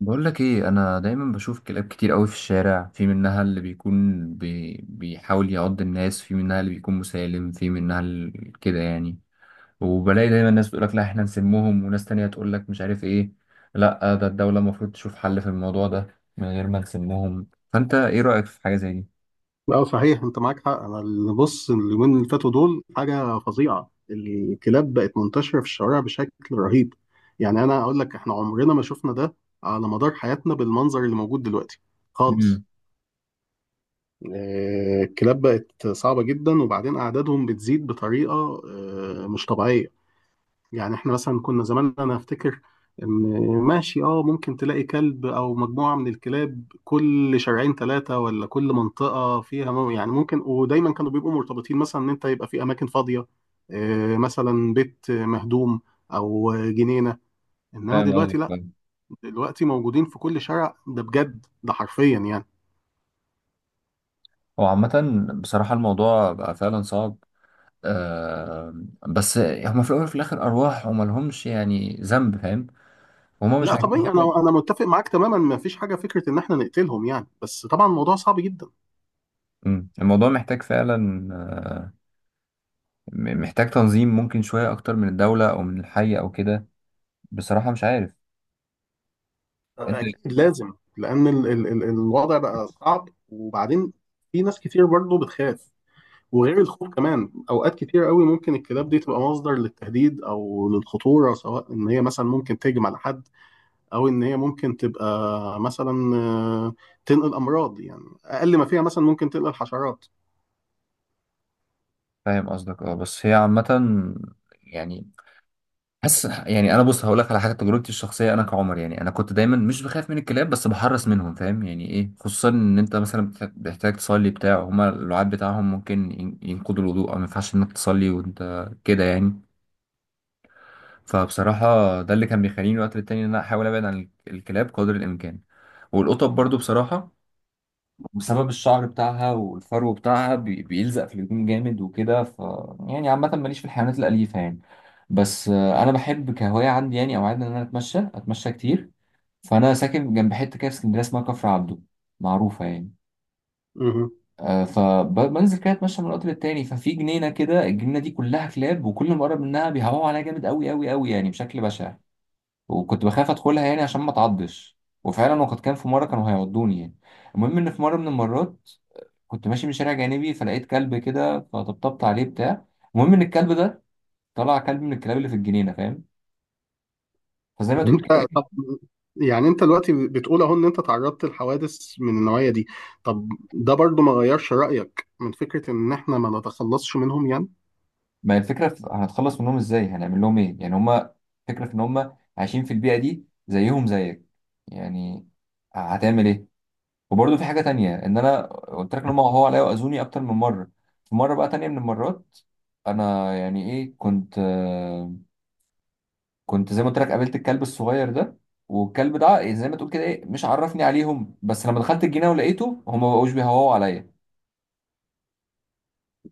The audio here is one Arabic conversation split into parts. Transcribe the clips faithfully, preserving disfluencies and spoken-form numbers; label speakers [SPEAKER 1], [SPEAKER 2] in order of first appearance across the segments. [SPEAKER 1] بقول لك ايه؟ انا دايما بشوف كلاب كتير قوي في الشارع، في منها اللي بيكون بي... بيحاول يعض الناس، في منها اللي بيكون مسالم، في منها ال... كده يعني. وبلاقي دايما ناس تقول لك لا احنا نسمهم، وناس تانية تقول لك مش عارف ايه. لا، ده الدولة المفروض تشوف حل في الموضوع ده من غير ما نسمهم. فانت ايه رأيك في حاجة زي دي؟
[SPEAKER 2] اه، صحيح انت معاك حق. انا اللي بص اليومين اللي فاتوا دول، حاجه فظيعه، الكلاب بقت منتشره في الشوارع بشكل رهيب. يعني انا اقول لك احنا عمرنا ما شفنا ده على مدار حياتنا بالمنظر اللي موجود دلوقتي خالص.
[SPEAKER 1] امم.
[SPEAKER 2] آه، الكلاب بقت صعبه جدا، وبعدين اعدادهم بتزيد بطريقه آه، مش طبيعيه. يعني احنا مثلا كنا زمان، انا افتكر ان، ماشي اه، ممكن تلاقي كلب او مجموعة من الكلاب كل شارعين ثلاثة، ولا كل منطقة فيها مو- يعني ممكن، ودايما كانوا بيبقوا مرتبطين مثلا ان انت يبقى في اماكن فاضية، آه، مثلا بيت مهدوم او جنينة. انما
[SPEAKER 1] فاهم قصدك،
[SPEAKER 2] دلوقتي لا،
[SPEAKER 1] فاهم.
[SPEAKER 2] دلوقتي موجودين في كل شارع، ده بجد، ده حرفيا يعني.
[SPEAKER 1] هو عامة بصراحة الموضوع بقى فعلا صعب. آه... بس هما في الأول وفي الآخر أرواح، وملهمش يعني ذنب، فاهم. هما مش
[SPEAKER 2] لا
[SPEAKER 1] عايزين
[SPEAKER 2] طبيعي، انا
[SPEAKER 1] حاجة.
[SPEAKER 2] انا متفق معاك تماما، ما فيش حاجة فكرة ان احنا نقتلهم يعني، بس طبعا الموضوع صعب جدا.
[SPEAKER 1] مم. الموضوع محتاج فعلا م- محتاج تنظيم، ممكن شوية أكتر من الدولة أو من الحي أو كده. بصراحة مش عارف. أنت.
[SPEAKER 2] اكيد لازم، لان ال ال ال الوضع بقى صعب، وبعدين في ناس كتير برضه بتخاف. وغير الخوف كمان، اوقات كتير قوي ممكن الكلاب دي تبقى مصدر للتهديد او للخطوره، سواء ان هي مثلا ممكن تهجم على حد، او ان هي ممكن تبقى مثلا آه، تنقل امراض، يعني اقل ما فيها مثلا ممكن تنقل حشرات.
[SPEAKER 1] فاهم قصدك، أه. بس هي عامة يعني، حاسس يعني. أنا بص هقول لك على حاجة، تجربتي الشخصية. أنا كعمر يعني، أنا كنت دايما مش بخاف من الكلاب بس بحرص منهم، فاهم يعني إيه؟ خصوصا إن أنت مثلا بتح- بتحتاج تصلي بتاع، هما اللعاب بتاعهم ممكن ين- ينقضوا الوضوء، أو ما ينفعش إنك تصلي وأنت كده يعني. فبصراحة ده اللي كان بيخليني وقت للتاني إن أنا أحاول أبعد عن ال- الكلاب قدر الإمكان. والقطط برضو بصراحة، بسبب الشعر بتاعها والفرو بتاعها بي- بيلزق في الهدوم جامد وكده. ف يعني عامة ماليش في الحيوانات الأليفة يعني. بس آه، أنا بحب كهواية عندي يعني، أو عادة، إن أنا أتمشى، أتمشى كتير. فأنا ساكن جنب حتة كده في اسكندرية اسمها كفر عبده، معروفة يعني. آه، فبنزل كده اتمشى من الوقت للتاني. ففي جنينه كده، الجنينه دي كلها كلاب، وكل ما اقرب منها بيهوهوا عليها جامد قوي قوي قوي يعني بشكل بشع. وكنت بخاف ادخلها يعني عشان ما اتعضش. وفعلا وقد كان، في مره كانوا هيعضوني يعني. المهم ان في مره من المرات كنت ماشي من شارع جانبي، فلقيت كلب كده فطبطبت عليه بتاع. المهم ان الكلب ده طلع كلب من الكلاب اللي في الجنينه، فاهم. فزي ما تقول كده
[SPEAKER 2] انت، طب،
[SPEAKER 1] ايه.
[SPEAKER 2] يعني انت دلوقتي بتقول اهو ان انت تعرضت لحوادث من النوعية دي، طب ده برضو ما غيرش رأيك من فكرة ان احنا ما نتخلصش منهم يعني؟
[SPEAKER 1] ما هي الفكره في هنتخلص منهم ازاي؟ هنعمل لهم ايه يعني؟ هما الفكره في ان هما عايشين في البيئه دي، زيهم زيك يعني. هتعمل ايه؟ وبرضه في حاجه تانية، ان انا قلت لك ان هم هو عليا واذوني اكتر من مره. في مره بقى تانية من المرات، انا يعني ايه، كنت آه، كنت زي ما قلت لك قابلت الكلب الصغير ده. والكلب ده إيه زي ما تقول كده ايه، مش عرفني عليهم، بس لما دخلت الجنينه ولقيته، هم ما بقوش بيهوهوا عليا،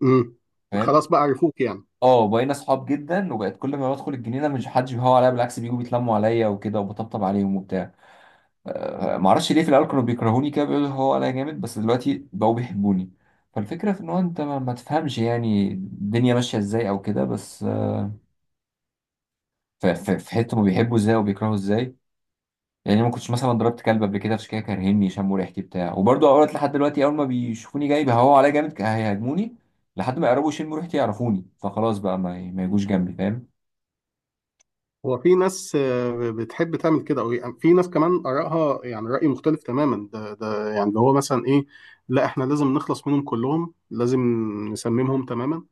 [SPEAKER 2] امم.
[SPEAKER 1] فاهم.
[SPEAKER 2] خلاص بقى، عرفوك يعني.
[SPEAKER 1] اه، بقينا اصحاب جدا، وبقت كل ما بدخل الجنينه مش حدش بيهوه عليا، بالعكس بيجوا بيتلموا عليا وكده، وبطبطب عليهم وبتاع. آه، ما اعرفش ليه في الاول كانوا بيكرهوني كده بيقولوا هو انا جامد، بس دلوقتي بقوا بيحبوني. فالفكره في ان هو انت ما, ما تفهمش يعني الدنيا ماشيه ازاي او كده. بس آه، ف- ف- في حته ما بيحبوا ازاي وبيكرهوا ازاي. يعني ما كنتش مثلا ضربت كلب قبل كده عشان كده كارهني، شموا ريحتي بتاع. وبرضه اوقات لحد دلوقتي اول ما بيشوفوني جاي بيهوا عليا جامد، هيهاجموني لحد ما يقربوا يشموا ريحتي يعرفوني، فخلاص بقى ما, ما يجوش جنبي، فاهم.
[SPEAKER 2] هو في ناس آه، بتحب تعمل كده، او يعني في ناس كمان آرائها، يعني رأي مختلف تماما، ده ده يعني اللي هو مثلا ايه، لا احنا لازم نخلص منهم كلهم، لازم نسممهم تماما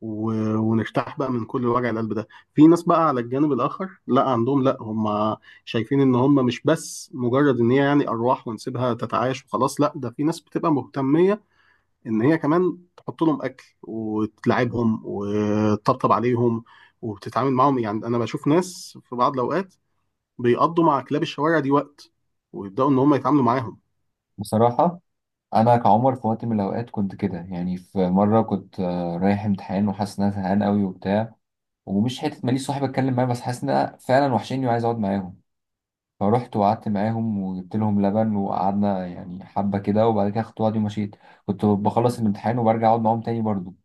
[SPEAKER 2] و- ونرتاح بقى من كل وجع القلب ده. في ناس بقى على الجانب الآخر، لا عندهم، لا هم شايفين ان هم مش بس مجرد ان هي يعني أرواح ونسيبها تتعايش وخلاص، لا ده في ناس بتبقى مهتمة ان هي كمان تحط لهم اكل وتلعبهم وتطبطب عليهم وبتتعامل معاهم. يعني انا بشوف ناس في بعض الاوقات بيقضوا مع كلاب الشوارع دي وقت، ويبداوا ان هم يتعاملوا معاهم.
[SPEAKER 1] بصراحه انا كعمر في وقت من الاوقات كنت كده يعني. في مره كنت آه، رايح امتحان وحاسس ان انا زهقان قوي وبتاع، ومش حته ماليش صاحب اتكلم معاه، بس حاسس ان أنا فعلا وحشيني وعايز اقعد معاهم. فروحت وقعدت معاهم وجبت لهم لبن، وقعدنا يعني حبه كده، وبعد كده خدت وعدي ومشيت. كنت بخلص الامتحان وبرجع اقعد معاهم تاني برضو.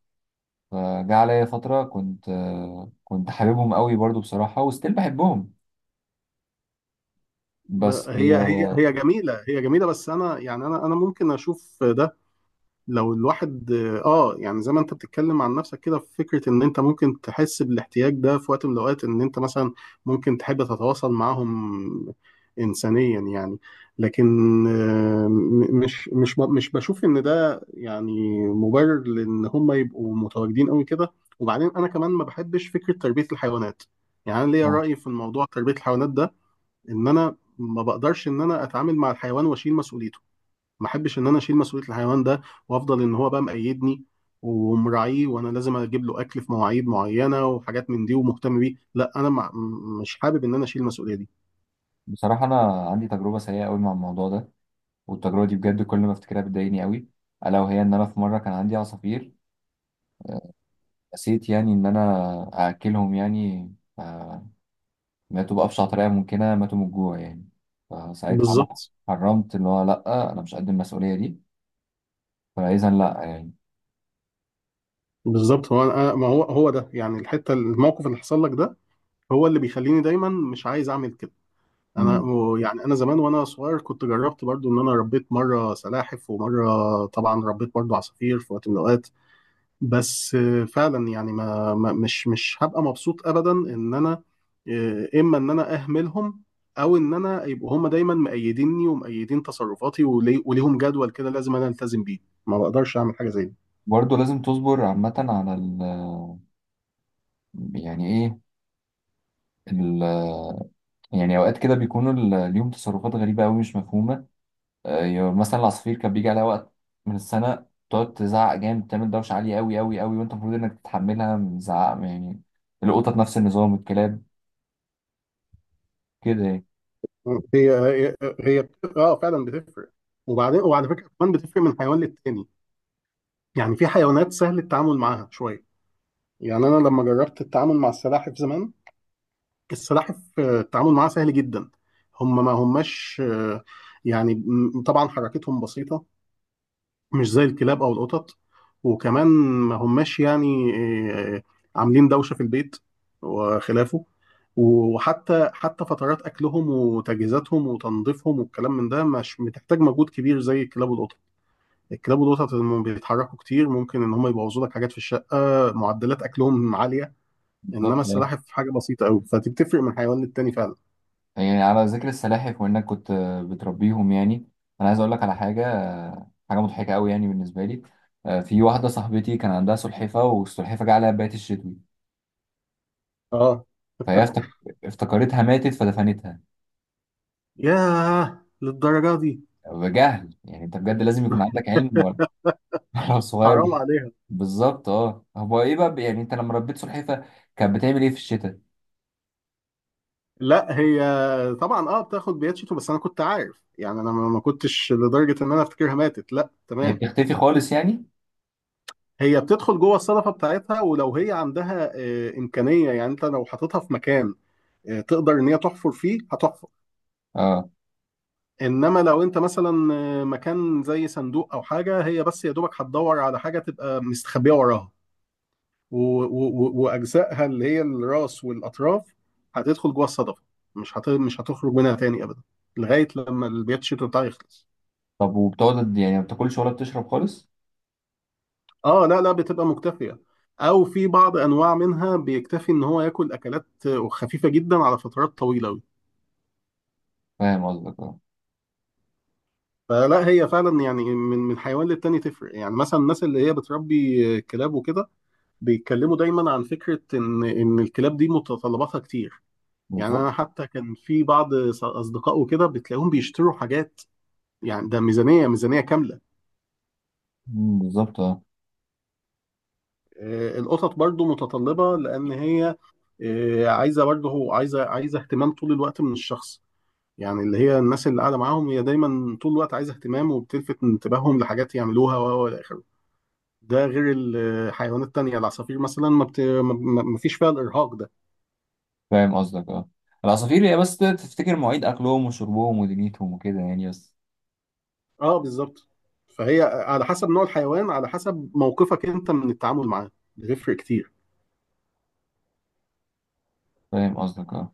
[SPEAKER 1] فجاء عليا فتره كنت آه، كنت حاببهم قوي برضو بصراحه، وستيل بحبهم.
[SPEAKER 2] ب-
[SPEAKER 1] بس
[SPEAKER 2] هي هي
[SPEAKER 1] آه،
[SPEAKER 2] هي جميله، هي جميله، بس انا يعني انا انا ممكن اشوف ده لو الواحد اه، يعني زي ما انت بتتكلم عن نفسك كده، في فكره ان انت ممكن تحس بالاحتياج ده في وقت من الاوقات، ان انت مثلا ممكن تحب تتواصل معاهم انسانيا يعني. لكن آه، م- مش مش ب- مش بشوف ان ده يعني مبرر لان هم يبقوا متواجدين قوي كده. وبعدين انا كمان ما بحبش فكره تربيه الحيوانات. يعني انا ليا راي في الموضوع تربيه الحيوانات ده، ان انا ما بقدرش ان انا اتعامل مع الحيوان واشيل مسؤوليته. ما احبش ان انا اشيل مسؤوليه الحيوان ده، وافضل ان هو بقى مقيدني ومراعيه، وانا لازم اجيب له اكل في مواعيد معينه وحاجات من دي ومهتم بيه. لا انا ما، مش حابب ان انا اشيل المسؤوليه دي.
[SPEAKER 1] بصراحه انا عندي تجربه سيئه قوي مع الموضوع ده، والتجربه دي بجد كل ما افتكرها بتضايقني قوي. الا وهي ان انا في مره كان عندي عصافير، نسيت يعني ان انا اكلهم يعني. آه، ماتوا بقى بأبشع طريقة ممكنة، ماتوا من الجوع يعني. فساعتها أنا
[SPEAKER 2] بالظبط.
[SPEAKER 1] حرمت، اللي هو لأ أنا مش قد المسؤولية دي. فإذا لأ يعني.
[SPEAKER 2] بالظبط، هو أنا، ما هو هو ده يعني الحته، الموقف اللي حصل لك ده هو اللي بيخليني دايما مش عايز اعمل كده. انا
[SPEAKER 1] مم.
[SPEAKER 2] و- يعني انا زمان وانا صغير كنت جربت برضو ان انا ربيت مره سلاحف، ومره طبعا ربيت برضو عصافير في وقت من الاوقات. بس آه، فعلا يعني ما ما- مش مش هبقى مبسوط ابدا ان انا آه، اما ان انا اهملهم، او ان انا يبقوا هم دايما مأيديني ومأيدين تصرفاتي، ولي- وليهم جدول كده لازم انا التزم بيه. ما بقدرش اعمل حاجه زي دي.
[SPEAKER 1] برضه لازم تصبر عامة على ال، يعني إيه، ال، يعني أوقات كده بيكونوا ال- ليهم تصرفات غريبة أوي مش مفهومة. آه، يعني مثلا العصافير كان بيجي عليها وقت من السنة تقعد تزعق جامد، تعمل دوشة عالية أوي أوي أوي، وأنت المفروض إنك تتحملها من زعق يعني. القطط نفس النظام، الكلاب كده يعني.
[SPEAKER 2] هي هي هي اه، فعلا بتفرق. وبعدين وعلى فكره كمان بتفرق من حيوان للتاني، يعني في حيوانات سهل التعامل معاها شويه. يعني انا لما جربت التعامل مع السلاحف زمان، السلاحف آه، التعامل معاها سهل جدا. هم ما هماش، آه، يعني م- طبعا حركتهم بسيطة، مش زي الكلاب أو القطط. وكمان ما هماش يعني آه، عاملين دوشة في البيت وخلافه. وحتى حتى فترات أكلهم وتجهيزاتهم وتنظيفهم والكلام من ده مش بتحتاج مجهود كبير زي الكلاب والقطط. الكلاب والقطط لما بيتحركوا كتير ممكن إن هم يبوظوا لك حاجات في الشقة، معدلات أكلهم عالية. إنما
[SPEAKER 1] بالظبط آه.
[SPEAKER 2] السلاحف حاجة بسيطة أوي، فدي بتفرق من حيوان للتاني فعلا.
[SPEAKER 1] يعني على ذكر السلاحف وانك كنت بتربيهم يعني، انا عايز اقول لك على حاجه، حاجه مضحكه قوي يعني بالنسبه لي. آه، في واحده صاحبتي كان عندها سلحفه، والسلحفه جه عليها بيات الشتوي.
[SPEAKER 2] اه.
[SPEAKER 1] فهي افتك- افتكرتها ماتت فدفنتها،
[SPEAKER 2] ياه، للدرجه دي؟
[SPEAKER 1] بجهل يعني. انت بجد لازم يكون عندك علم، ولا ولا
[SPEAKER 2] حرام
[SPEAKER 1] صغير.
[SPEAKER 2] عليها.
[SPEAKER 1] بالظبط اه. هو ايه بقى يعني انت لما ربيت سلحفه كانت بتعمل ايه في الشتاء؟
[SPEAKER 2] لا، هي طبعا اه بتاخد بياتشيتو، بس انا كنت عارف يعني، انا ما ما كنتش لدرجه ان انا افتكرها ماتت، لا،
[SPEAKER 1] هي
[SPEAKER 2] تمام.
[SPEAKER 1] بتختفي خالص يعني.
[SPEAKER 2] هي بتدخل جوه الصدفه بتاعتها، ولو هي عندها آه، امكانيه، يعني انت لو حاططها في مكان آه، تقدر ان هي تحفر فيه، هتحفر.
[SPEAKER 1] اه،
[SPEAKER 2] انما لو انت مثلا آه، مكان زي صندوق او حاجه، هي بس يا دوبك هتدور على حاجه تبقى مستخبيه وراها، و- و- و- واجزائها اللي هي الراس والاطراف هتدخل جوه الصدفه، مش هت... مش هتخرج منها تاني ابدا، لغايه لما البيت الشتوي بتاعه يخلص.
[SPEAKER 1] طب وبتقعد يعني ما بتاكلش ولا بتشرب خالص؟
[SPEAKER 2] اه، لا لا، بتبقى مكتفيه، او في بعض انواع منها بيكتفي ان هو ياكل اكلات خفيفه جدا على فترات طويله قوي.
[SPEAKER 1] فاهم قصدك اه.
[SPEAKER 2] فلا، هي فعلا يعني، من من حيوان للتاني تفرق، يعني مثلا الناس اللي هي بتربي كلاب وكده بيتكلموا دايما عن فكره ان ان الكلاب دي متطلباتها كتير. يعني
[SPEAKER 1] بالظبط.
[SPEAKER 2] انا حتى كان في بعض ص- اصدقاء وكده بتلاقيهم بيشتروا حاجات، يعني ده ميزانية ميزانية كاملة.
[SPEAKER 1] مم، بالظبط اه.
[SPEAKER 2] آه، القطط برضو متطلبة لأن هي آه، عايزة برضو، هو عايزة عايزة اهتمام طول الوقت من الشخص. يعني اللي هي الناس اللي قاعدة معاهم، هي دايما طول الوقت عايزة اهتمام، وبتلفت انتباههم لحاجات يعملوها و و إلى آخره. ده غير الحيوانات التانية، العصافير مثلا ما, بت... ما ما- ما فيش فيها الإرهاق ده.
[SPEAKER 1] فاهم قصدك اه. العصافير هي بس تفتكر مواعيد اكلهم وشربهم ودنيتهم وكده يعني بس.
[SPEAKER 2] اه بالظبط. فهي على حسب نوع الحيوان، على حسب موقفك انت من التعامل معاه، بيفرق كتير.
[SPEAKER 1] فاهم قصدك اه.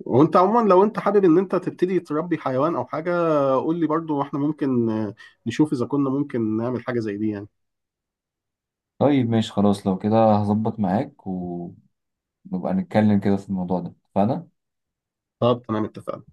[SPEAKER 2] وانت عموما لو انت حابب ان انت تبتدي تربي حيوان او حاجه، قول لي برضو، واحنا ممكن آه، نشوف اذا كنا ممكن نعمل حاجه زي دي يعني.
[SPEAKER 1] طيب ماشي خلاص، لو كده هظبط معاك ونبقى نتكلم كده في الموضوع ده، اتفقنا.
[SPEAKER 2] طب تمام، اتفقنا.